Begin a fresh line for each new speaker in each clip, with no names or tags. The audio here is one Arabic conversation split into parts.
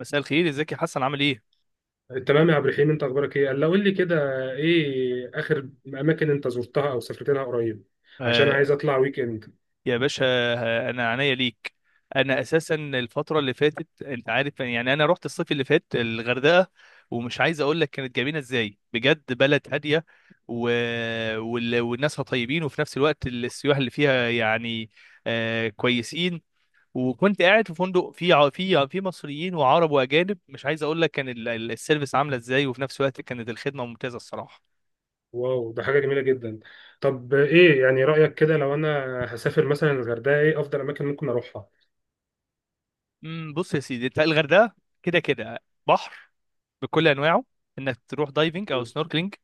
مساء الخير، ازيك يا حسن؟ عامل ايه؟
تمام يا عبد الرحيم، انت اخبارك ايه؟ قال له قول لي كده. ايه اخر اماكن انت زرتها او سافرت لها قريب؟ عشان عايز
آه،
اطلع ويك اند.
يا باشا انا عينيا ليك. انا اساسا الفتره اللي فاتت انت عارف، يعني انا رحت الصيف اللي فات الغردقه، ومش عايز اقول لك كانت جميله ازاي، بجد بلد هاديه و... والناسها طيبين، وفي نفس الوقت السياح اللي فيها يعني آه كويسين. وكنت قاعد في فندق فيه ع- فيه فيه مصريين وعرب واجانب، مش عايز اقول لك كان السيرفيس عامله ازاي، وفي نفس الوقت كانت الخدمه ممتازه الصراحه.
واو، ده حاجه جميله جدا. طب ايه يعني رايك كده لو انا هسافر مثلا الغردقه، ايه افضل اماكن ممكن اروحها؟
بص يا سيدي، انت الغردقه كده كده بحر بكل انواعه، انك تروح دايفنج او
مم.
سنوركلينج،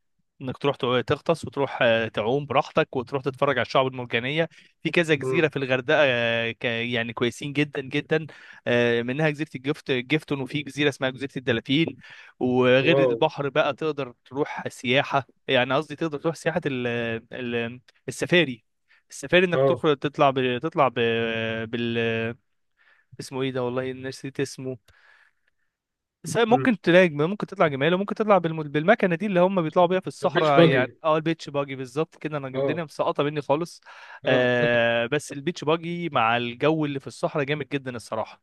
انك تغطس وتروح تعوم براحتك، وتروح تتفرج على الشعب المرجانيه. في كذا جزيره
مم.
في الغردقه، يعني كويسين جدا جدا. منها جزيره جفتون، وفي جزيره اسمها جزيره الدلافين. وغير
واو.
البحر بقى تقدر تروح سياحه، يعني قصدي تقدر تروح سياحه ال ال السفاري. السفاري انك
اه.
تخرج تطلع ب... تطلع ب... بال اسمه ايه ده؟ والله نسيت اسمه. بس هي
مم.
ممكن ممكن تطلع جمال، وممكن بالمكنه دي اللي هم بيطلعوا بيها في
بيتش
الصحراء يعني،
باجي.
اه البيتش باجي بالظبط كده. انا الدنيا
اه،
مسقطه مني خالص.
اه.
آه، بس البيتش باجي مع الجو اللي في الصحراء جامد جدا الصراحه.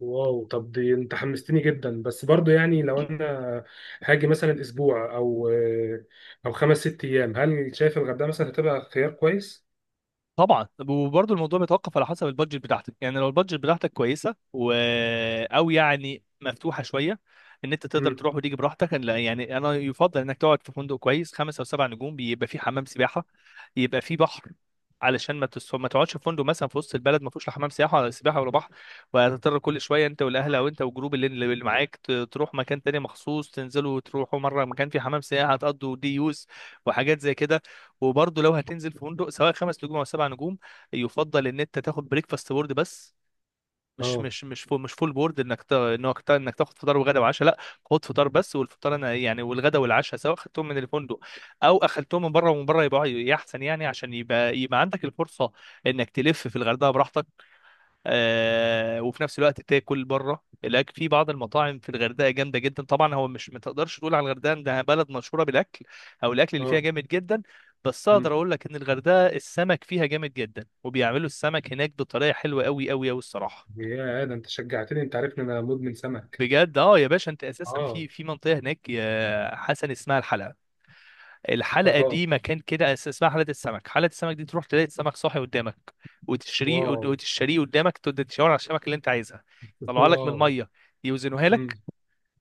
واو. طب دي انت حمستني جدا، بس برضو يعني لو انا هاجي مثلا اسبوع او 5 6 ايام، هل شايف الغردقه مثلا هتبقى خيار كويس؟
طبعا، وبرضه الموضوع بيتوقف على حسب البادجت بتاعتك، يعني لو البادجت بتاعتك كويسه او يعني مفتوحه شويه، ان انت تقدر تروح وتيجي براحتك، لا يعني انا يفضل انك تقعد في فندق كويس خمسة او سبع نجوم، بيبقى فيه حمام سباحه، يبقى فيه بحر، علشان ما تقعدش في فندق مثلا في وسط البلد ما فيهوش لا حمام سياحه ولا سباحه ولا بحر، وهتضطر كل شويه انت والاهل او انت والجروب اللي معاك تروح مكان تاني مخصوص، تنزلوا وتروحوا مره مكان فيه حمام سياحه، هتقضوا دي يوز وحاجات زي كده. وبرضه لو هتنزل في فندق سواء خمس نجوم او سبع نجوم، يفضل ان انت تاخد بريكفاست بورد بس، مش
اه،
مش مش فول مش فول بورد، انك تاخد فطار وغدا وعشاء، لا. خد فطار بس، والفطار انا يعني، والغدا والعشاء سواء اخدتهم من الفندق او اخدتهم من بره، ومن بره يبقى احسن يعني، عشان يبقى عندك الفرصه انك تلف في الغردقه براحتك. وفي نفس الوقت تاكل بره، الاكل في بعض المطاعم في الغردقه جامده جدا. طبعا هو مش ما تقدرش تقول على الغردقه انها بلد مشهوره بالاكل او الاكل اللي فيها
اه.
جامد جدا، بس اقدر
مم.
اقول لك ان الغردقه السمك فيها جامد جدا، وبيعملوا السمك هناك بطريقه حلوه قوي قوي قوي الصراحه.
يا ده، انت شجعتني، انت عارفني انا مدمن سمك.
بجد اه، يا باشا انت اساسا
اه.
في منطقه هناك يا حسن اسمها الحلب، الحلقه
اه.
دي مكان كده اسمها حلقه السمك. حلقه السمك دي تروح تلاقي السمك صاحي قدامك وتشتريه،
واو.
وتشتريه قدامك تقعد تشاور على السمك اللي انت عايزها، يطلعها لك من
واو.
الميه، يوزنوها
مم.
لك.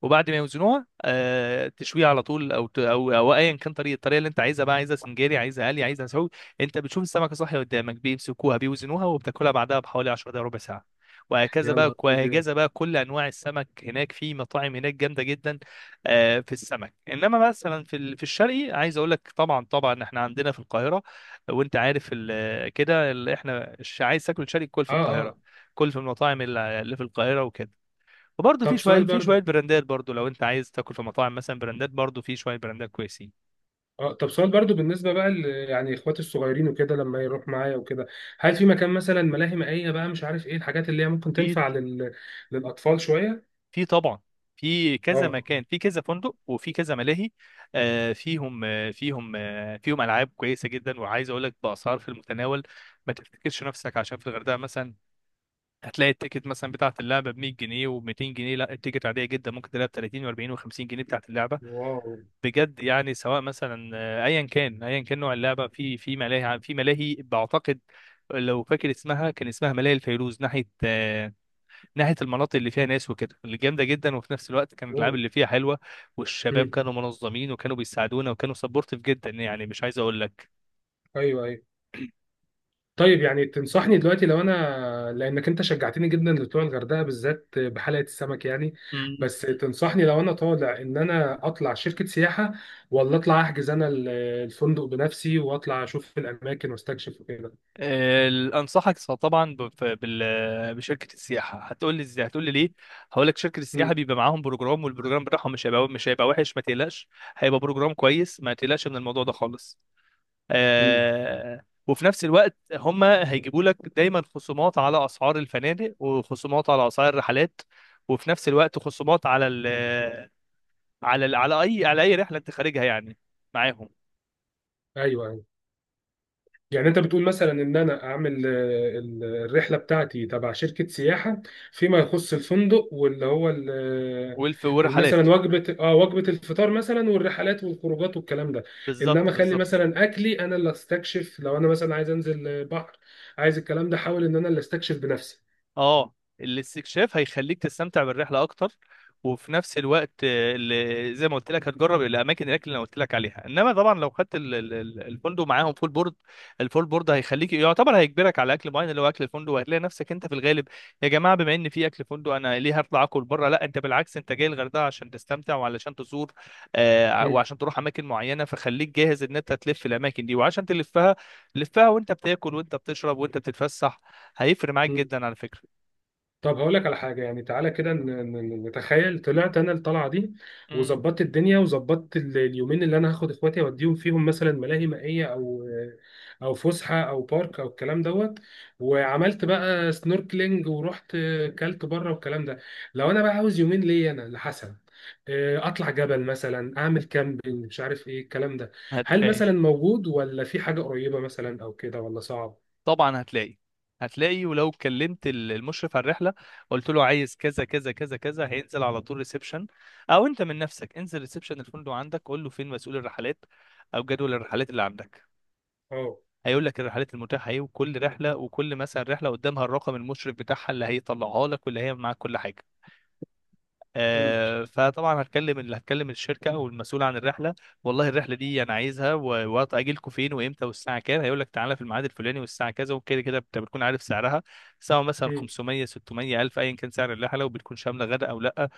وبعد ما يوزنوها تشويها على طول، او ت- او او ايا كان الطريقه اللي انت عايزها بقى، عايزها سنجاري، عايزها قلي، عايزها مسعود. انت بتشوف السمكه صاحيه قدامك، بيمسكوها بيوزنوها، وبتاكلها بعدها بحوالي 10 دقائق ربع ساعه.
يا نهار ابيض.
وهكذا بقى كل انواع السمك هناك، في مطاعم هناك جامده جدا. آه، في السمك انما مثلا في في الشرقي، عايز اقول لك، طبعا احنا عندنا في القاهره، وانت عارف احنا عايز تاكل شرقي كل في
اه،
القاهره،
اه.
كل في المطاعم اللي في القاهره وكده. وبرضه
طب سؤال
في
برضو
شويه براندات، برضه لو انت عايز تاكل في مطاعم مثلا براندات، برضه في شويه براندات كويسين.
اه طب سؤال برضو بالنسبه بقى يعني اخواتي الصغيرين وكده لما يروح معايا وكده، هل في مكان مثلا ملاهي مائيه بقى، مش عارف ايه الحاجات اللي هي ممكن
في،
تنفع للاطفال شويه؟
في طبعا. في كذا
اه.
مكان، في كذا فندق، وفي كذا ملاهي. فيهم العاب كويسه جدا، وعايز اقول لك باسعار في المتناول، ما تفتكرش نفسك عشان في الغردقه مثلا هتلاقي التيكت مثلا بتاعه اللعبه ب 100 جنيه و200 جنيه، لا التيكت عاديه جدا، ممكن تلاقيها ب 30 و40 و50 جنيه بتاعه اللعبه.
واو.
بجد يعني، سواء مثلا ايا كان نوع اللعبه في في ملاهي بعتقد، لو فاكر اسمها، كان اسمها ملاهي الفيروز، ناحيه ناحيه المناطق اللي فيها ناس وكده، اللي جامده جدا. وفي نفس الوقت كانت
اوه.
الالعاب اللي فيها حلوه، والشباب
مم.
كانوا منظمين، وكانوا بيساعدونا، وكانوا سبورتيف جدا، يعني مش عايز اقول لك.
ايوه، ايوه. طيب، يعني تنصحني دلوقتي لو انا، لانك انت شجعتني جدا لطلوع الغردقه بالذات بحلقه السمك يعني، بس تنصحني لو انا طالع ان انا اطلع شركه سياحه ولا اطلع احجز انا الفندق بنفسي واطلع اشوف الاماكن واستكشف وكده؟
انصحك طبعا بشركه السياحه. هتقول لي ازاي؟ هتقول لي ليه؟ هقول لك، شركه السياحه
امم.
بيبقى معاهم بروجرام، والبروجرام بتاعهم مش هيبقى وحش ما تقلقش، هيبقى بروجرام كويس، ما تقلقش من الموضوع ده خالص.
مم.
آه، وفي نفس الوقت هم هيجيبوا لك دايما خصومات على اسعار الفنادق، وخصومات على اسعار الرحلات، وفي نفس الوقت خصومات على ال على ال على اي على اي رحله انت خارجها يعني معاهم.
ايوه. يعني انت بتقول مثلا ان انا اعمل الرحله بتاعتي تبع شركه سياحه، فيما يخص الفندق واللي هو
والف والرحلات،
مثلا وجبه الفطار مثلا والرحلات والخروجات والكلام ده.
بالظبط
انما خلي
بالظبط.
مثلا اكلي انا اللي استكشف، لو انا مثلا عايز انزل بحر، عايز الكلام ده، حاول ان انا اللي استكشف
اه، الاستكشاف هيخليك تستمتع بالرحله اكتر، وفي نفس الوقت زي ما قلت لك هتجرب الاماكن، الاكل اللي انا قلت لك عليها. انما طبعا لو خدت الفندق معاهم فول بورد، الفول بورد هيخليك يعتبر هيجبرك على اكل معين، اللي هو اكل الفندق، وهتلاقي نفسك انت في الغالب يا جماعه بما ان في اكل فندق انا ليه هطلع اكل بره، لا انت بالعكس، انت جاي الغردقه عشان تستمتع وعلشان تزور.
بنفسي.
وعشان تروح اماكن معينه، فخليك جاهز ان انت تلف الاماكن دي. وعشان تلفها، لفها وانت بتاكل، وانت بتشرب، وانت بتتفسح، هيفرق معاك جدا على فكره.
طب هقول لك على حاجة، يعني تعالى كده نتخيل طلعت أنا الطلعة دي،
مم.
وظبطت الدنيا وظبطت اليومين اللي أنا هاخد إخواتي أوديهم فيهم، مثلا ملاهي مائية أو فسحة أو بارك أو الكلام دوت، وعملت بقى سنوركلينج ورحت كلت بره والكلام ده. لو أنا بقى عاوز يومين ليا أنا لحسن، أطلع جبل مثلا، أعمل كامبينج، مش عارف إيه الكلام ده، هل
هتلاقي
مثلا موجود ولا في حاجة قريبة مثلا أو كده ولا صعب؟
طبعا، هتلاقي. ولو كلمت المشرف على الرحله، قلت له عايز كذا كذا كذا كذا، هينزل على طول ريسبشن. او انت من نفسك انزل ريسبشن الفندق عندك، قول له فين مسؤول الرحلات، او جدول الرحلات اللي عندك، هيقول لك الرحلات المتاحه ايه، وكل رحله، وكل مثلا رحله قدامها الرقم، المشرف بتاعها اللي هيطلعها لك واللي هي معاك كل حاجه.
أه.
فطبعا هتكلم الشركه او المسؤول عن الرحله، والله الرحله دي انا عايزها، وقت اجيلكوا فين وامتى والساعه كام، هيقول لك تعالى في الميعاد الفلاني والساعه كذا وكده كده. انت بتكون عارف سعرها، سواء مثلا 500 600 الف، ايا كان سعر الرحله، وبتكون شامله غدا او لا.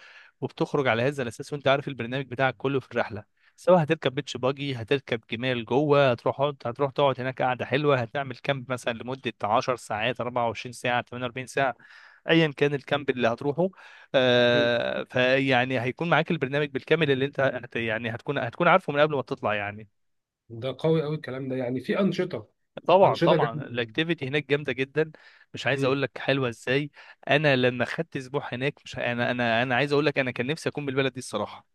وبتخرج على هذا الاساس، وانت عارف البرنامج بتاعك كله في الرحله، سواء هتركب بيتش باجي، هتركب جمال، جوه هتروح تقعد هناك قاعده حلوه، هتعمل كامب مثلا لمده 10 ساعات 24 ساعه 48 ساعه، ايا كان الكامب اللي هتروحه. آه، فيعني هيكون معاك البرنامج بالكامل اللي انت هت يعني هتكون عارفه من قبل ما تطلع يعني.
ده قوي قوي الكلام ده، يعني في أنشطة. أنشطة
طبعا
جامدة.
الاكتيفيتي هناك جامده جدا، مش عايز
امم.
اقول لك حلوه ازاي. انا لما خدت اسبوع هناك، مش انا انا انا عايز اقول لك انا كان نفسي اكون بالبلد دي الصراحه،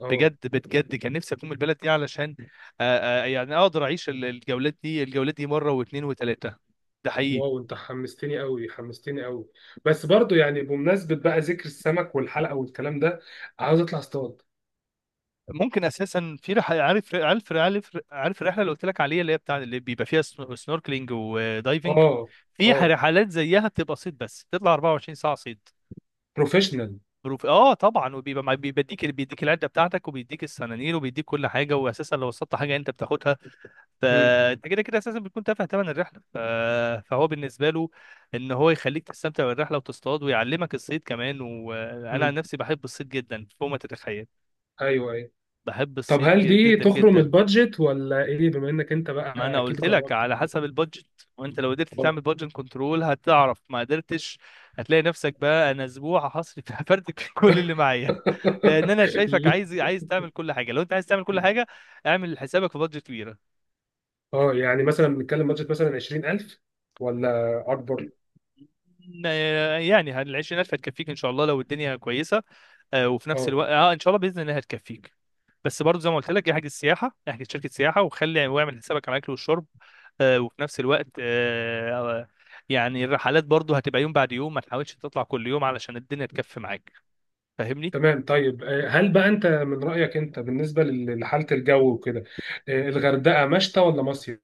اه.
بجد كان نفسي اكون من البلد دي، علشان يعني اقدر اعيش الجولات دي، الجولات دي مره واثنين وثلاثه، ده حقيقي.
واو، انت حمستني قوي، حمستني قوي. بس برضو يعني، بمناسبة بقى ذكر السمك والحلقة والكلام ده، عاوز اطلع اصطاد.
ممكن اساسا عارف الرحله اللي قلت لك عليها، اللي هي بتاع اللي بيبقى فيها سنوركلينج ودايفنج،
اه،
في
اه.
رحلات زيها بتبقى صيد بس، تطلع 24 ساعه صيد.
بروفيشنال.
بروف، اه طبعا، وبيبقى بيديك العده بتاعتك، وبيديك السنانير، وبيديك كل حاجه. واساسا لو وصلت حاجه انت بتاخدها،
امم،
فانت كده كده اساسا بتكون تافه ثمن الرحله، فهو بالنسبه له ان هو يخليك تستمتع بالرحله وتصطاد، ويعلمك الصيد كمان. وانا عن
امم.
نفسي بحب الصيد جدا فوق ما تتخيل،
ايوه، ايوه.
بحب
طب
الصيد
هل دي
جدا
تخرم
جدا.
البادجت ولا ايه، بما انك انت
ما
بقى
انا
اكيد
قلت لك
جربت؟
على حسب البادجت، وانت لو قدرت
اه.
تعمل بادجت كنترول هتعرف، ما قدرتش هتلاقي نفسك بقى، انا اسبوع هصرف هفرتك في كل اللي معايا، لان انا شايفك عايز تعمل كل حاجه. لو انت عايز تعمل كل حاجه اعمل حسابك في بادجت كبير.
اه، يعني مثلا بنتكلم بادجت مثلا 20,000 ولا اكبر؟
يعني العشرينات هتكفيك ان شاء الله لو الدنيا كويسه. وفي نفس
اه.
الوقت اه ان شاء الله باذن الله هتكفيك. بس برضه زي ما قلت لك، احجز سياحه، احجز شركه سياحه، واعمل حسابك على الاكل والشرب. آه، وفي نفس الوقت آه، آه، يعني الرحلات برضه هتبقى يوم بعد يوم، ما تحاولش تطلع كل يوم علشان الدنيا تكفي معاك، فاهمني.
تمام. طيب، هل بقى انت من رأيك، انت بالنسبة لحالة الجو وكده، الغردقة مشتى ولا مصيف؟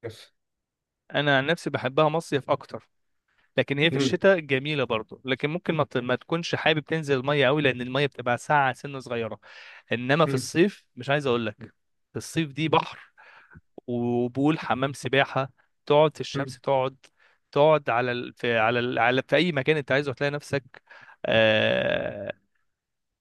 انا عن نفسي بحبها مصيف اكتر، لكن هي في
مم.
الشتاء جميله برضه، لكن ممكن ما تكونش حابب تنزل الميه قوي، لان الميه بتبقى ساقعه سنه صغيره. انما في
مم.
الصيف مش عايز اقول لك، في الصيف دي بحر، وبول حمام سباحه، تقعد في
مم.
الشمس، تقعد، تقعد على ال... في على ال... على في اي مكان انت عايزه هتلاقي نفسك. آه...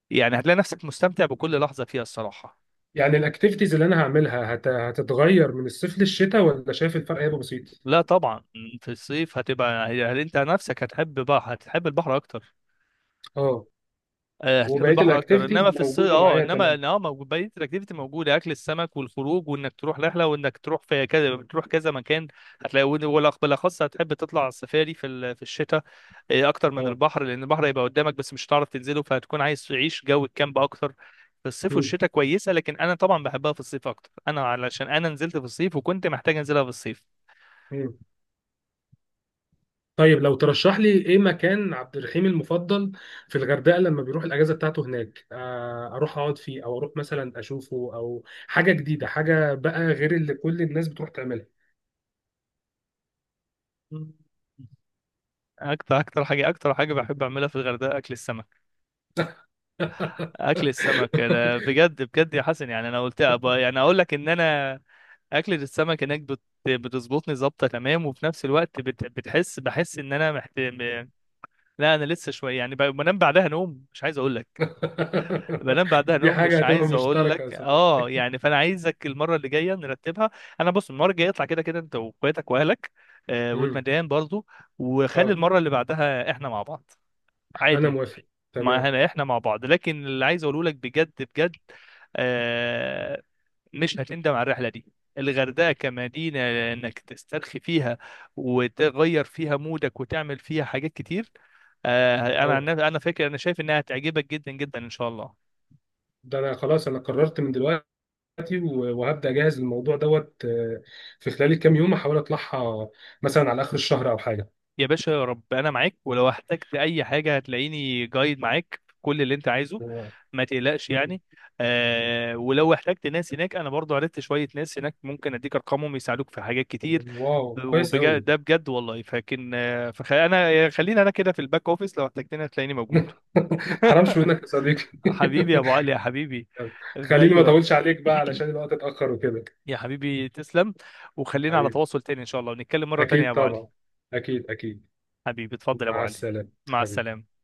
يعني هتلاقي نفسك مستمتع بكل لحظه فيها الصراحه.
يعني الاكتيفيتيز اللي انا هعملها هتتغير من الصيف للشتاء ولا شايف الفرق هيبقى بسيط؟
لا طبعا، في الصيف هتبقى يعني انت نفسك هتحب بقى، هتحب البحر اكتر.
اه.
هتحب
وبقية
البحر اكتر،
الاكتيفيتيز
انما في الصيف
موجودة
اه،
معايا،
انما إن
تمام.
اه موجود بقيه الاكتيفيتي موجوده، اكل السمك والخروج، وانك تروح رحله، وانك تروح في كذا، تروح كذا مكان. هتلاقي بالاخص هتحب تطلع على السفاري في في الشتاء، اكتر من
اه.
البحر، لان البحر هيبقى قدامك بس مش هتعرف تنزله، فهتكون عايز تعيش جو الكامب اكتر. في الصيف
مم.
والشتاء كويسه، لكن انا طبعا بحبها في الصيف اكتر، انا علشان انا نزلت في الصيف وكنت محتاج انزلها في الصيف.
مم. طيب، لو ترشح لي ايه مكان عبد الرحيم المفضل في الغردقة لما بيروح الاجازة بتاعته هناك، اروح اقعد فيه او اروح مثلا اشوفه او حاجة جديدة، حاجة بقى غير اللي كل الناس بتروح تعملها؟
مم. اكتر حاجه بحب اعملها في الغردقه اكل السمك. اكل السمك انا بجد بجد يا حسن، يعني انا قلت أبقى يعني اقول لك ان انا اكلة السمك هناك بتظبطني ظابطه تمام. وفي نفس الوقت بتحس بحس ان انا لا انا لسه شويه يعني بنام بعدها نوم مش عايز اقول لك، بنام بعدها
دي
نوم
حاجة
مش
هتبقى
عايز اقول
مشتركة يا
لك
صديقي.
اه يعني، فانا عايزك المره اللي جايه نرتبها. انا بص، المره الجايه اطلع كده كده انت واخواتك واهلك، آه
امم.
والمدام برضو، وخلي
اه.
المره اللي بعدها احنا مع بعض
انا
عادي.
موافق.
ما
تمام.
احنا احنا مع بعض، لكن اللي عايز اقوله لك بجد بجد، آه، مش هتندم على الرحله دي. الغردقه كمدينه، انك تسترخي فيها، وتغير فيها مودك، وتعمل فيها حاجات كتير. آه،
اه.
انا فاكر، انا شايف انها هتعجبك جدا جدا ان شاء الله.
ده انا خلاص، انا قررت من دلوقتي، وهبدأ اجهز الموضوع دوت، في خلال الكام يوم احاول اطلعها مثلا على اخر الشهر او حاجة.
يا باشا يا رب، انا معاك، ولو احتجت اي حاجه هتلاقيني جايد معاك في كل اللي انت عايزه،
واو.
ما تقلقش يعني. آه، ولو احتجت ناس هناك انا برضو عرفت شويه ناس هناك، ممكن اديك ارقامهم يساعدوك في حاجات كتير.
واو، كويس قوي.
وبجد ده بجد والله. انا خلينا انا كده في الباك اوفيس، لو احتجتني هتلاقيني موجود.
حرامش منك يا صديقي.
حبيبي يا ابو علي، يا حبيبي، في
خليني
اي
ما
وقت.
اطولش عليك بقى علشان الوقت اتأخر وكده.
يا حبيبي تسلم، وخلينا على
حبيبي،
تواصل تاني ان شاء الله، ونتكلم مره تانيه يا
اكيد
ابو علي.
طبعا، اكيد اكيد.
حبيبي اتفضل يا ابو
مع
علي.
السلامة
مع
حبيبي.
السلامه.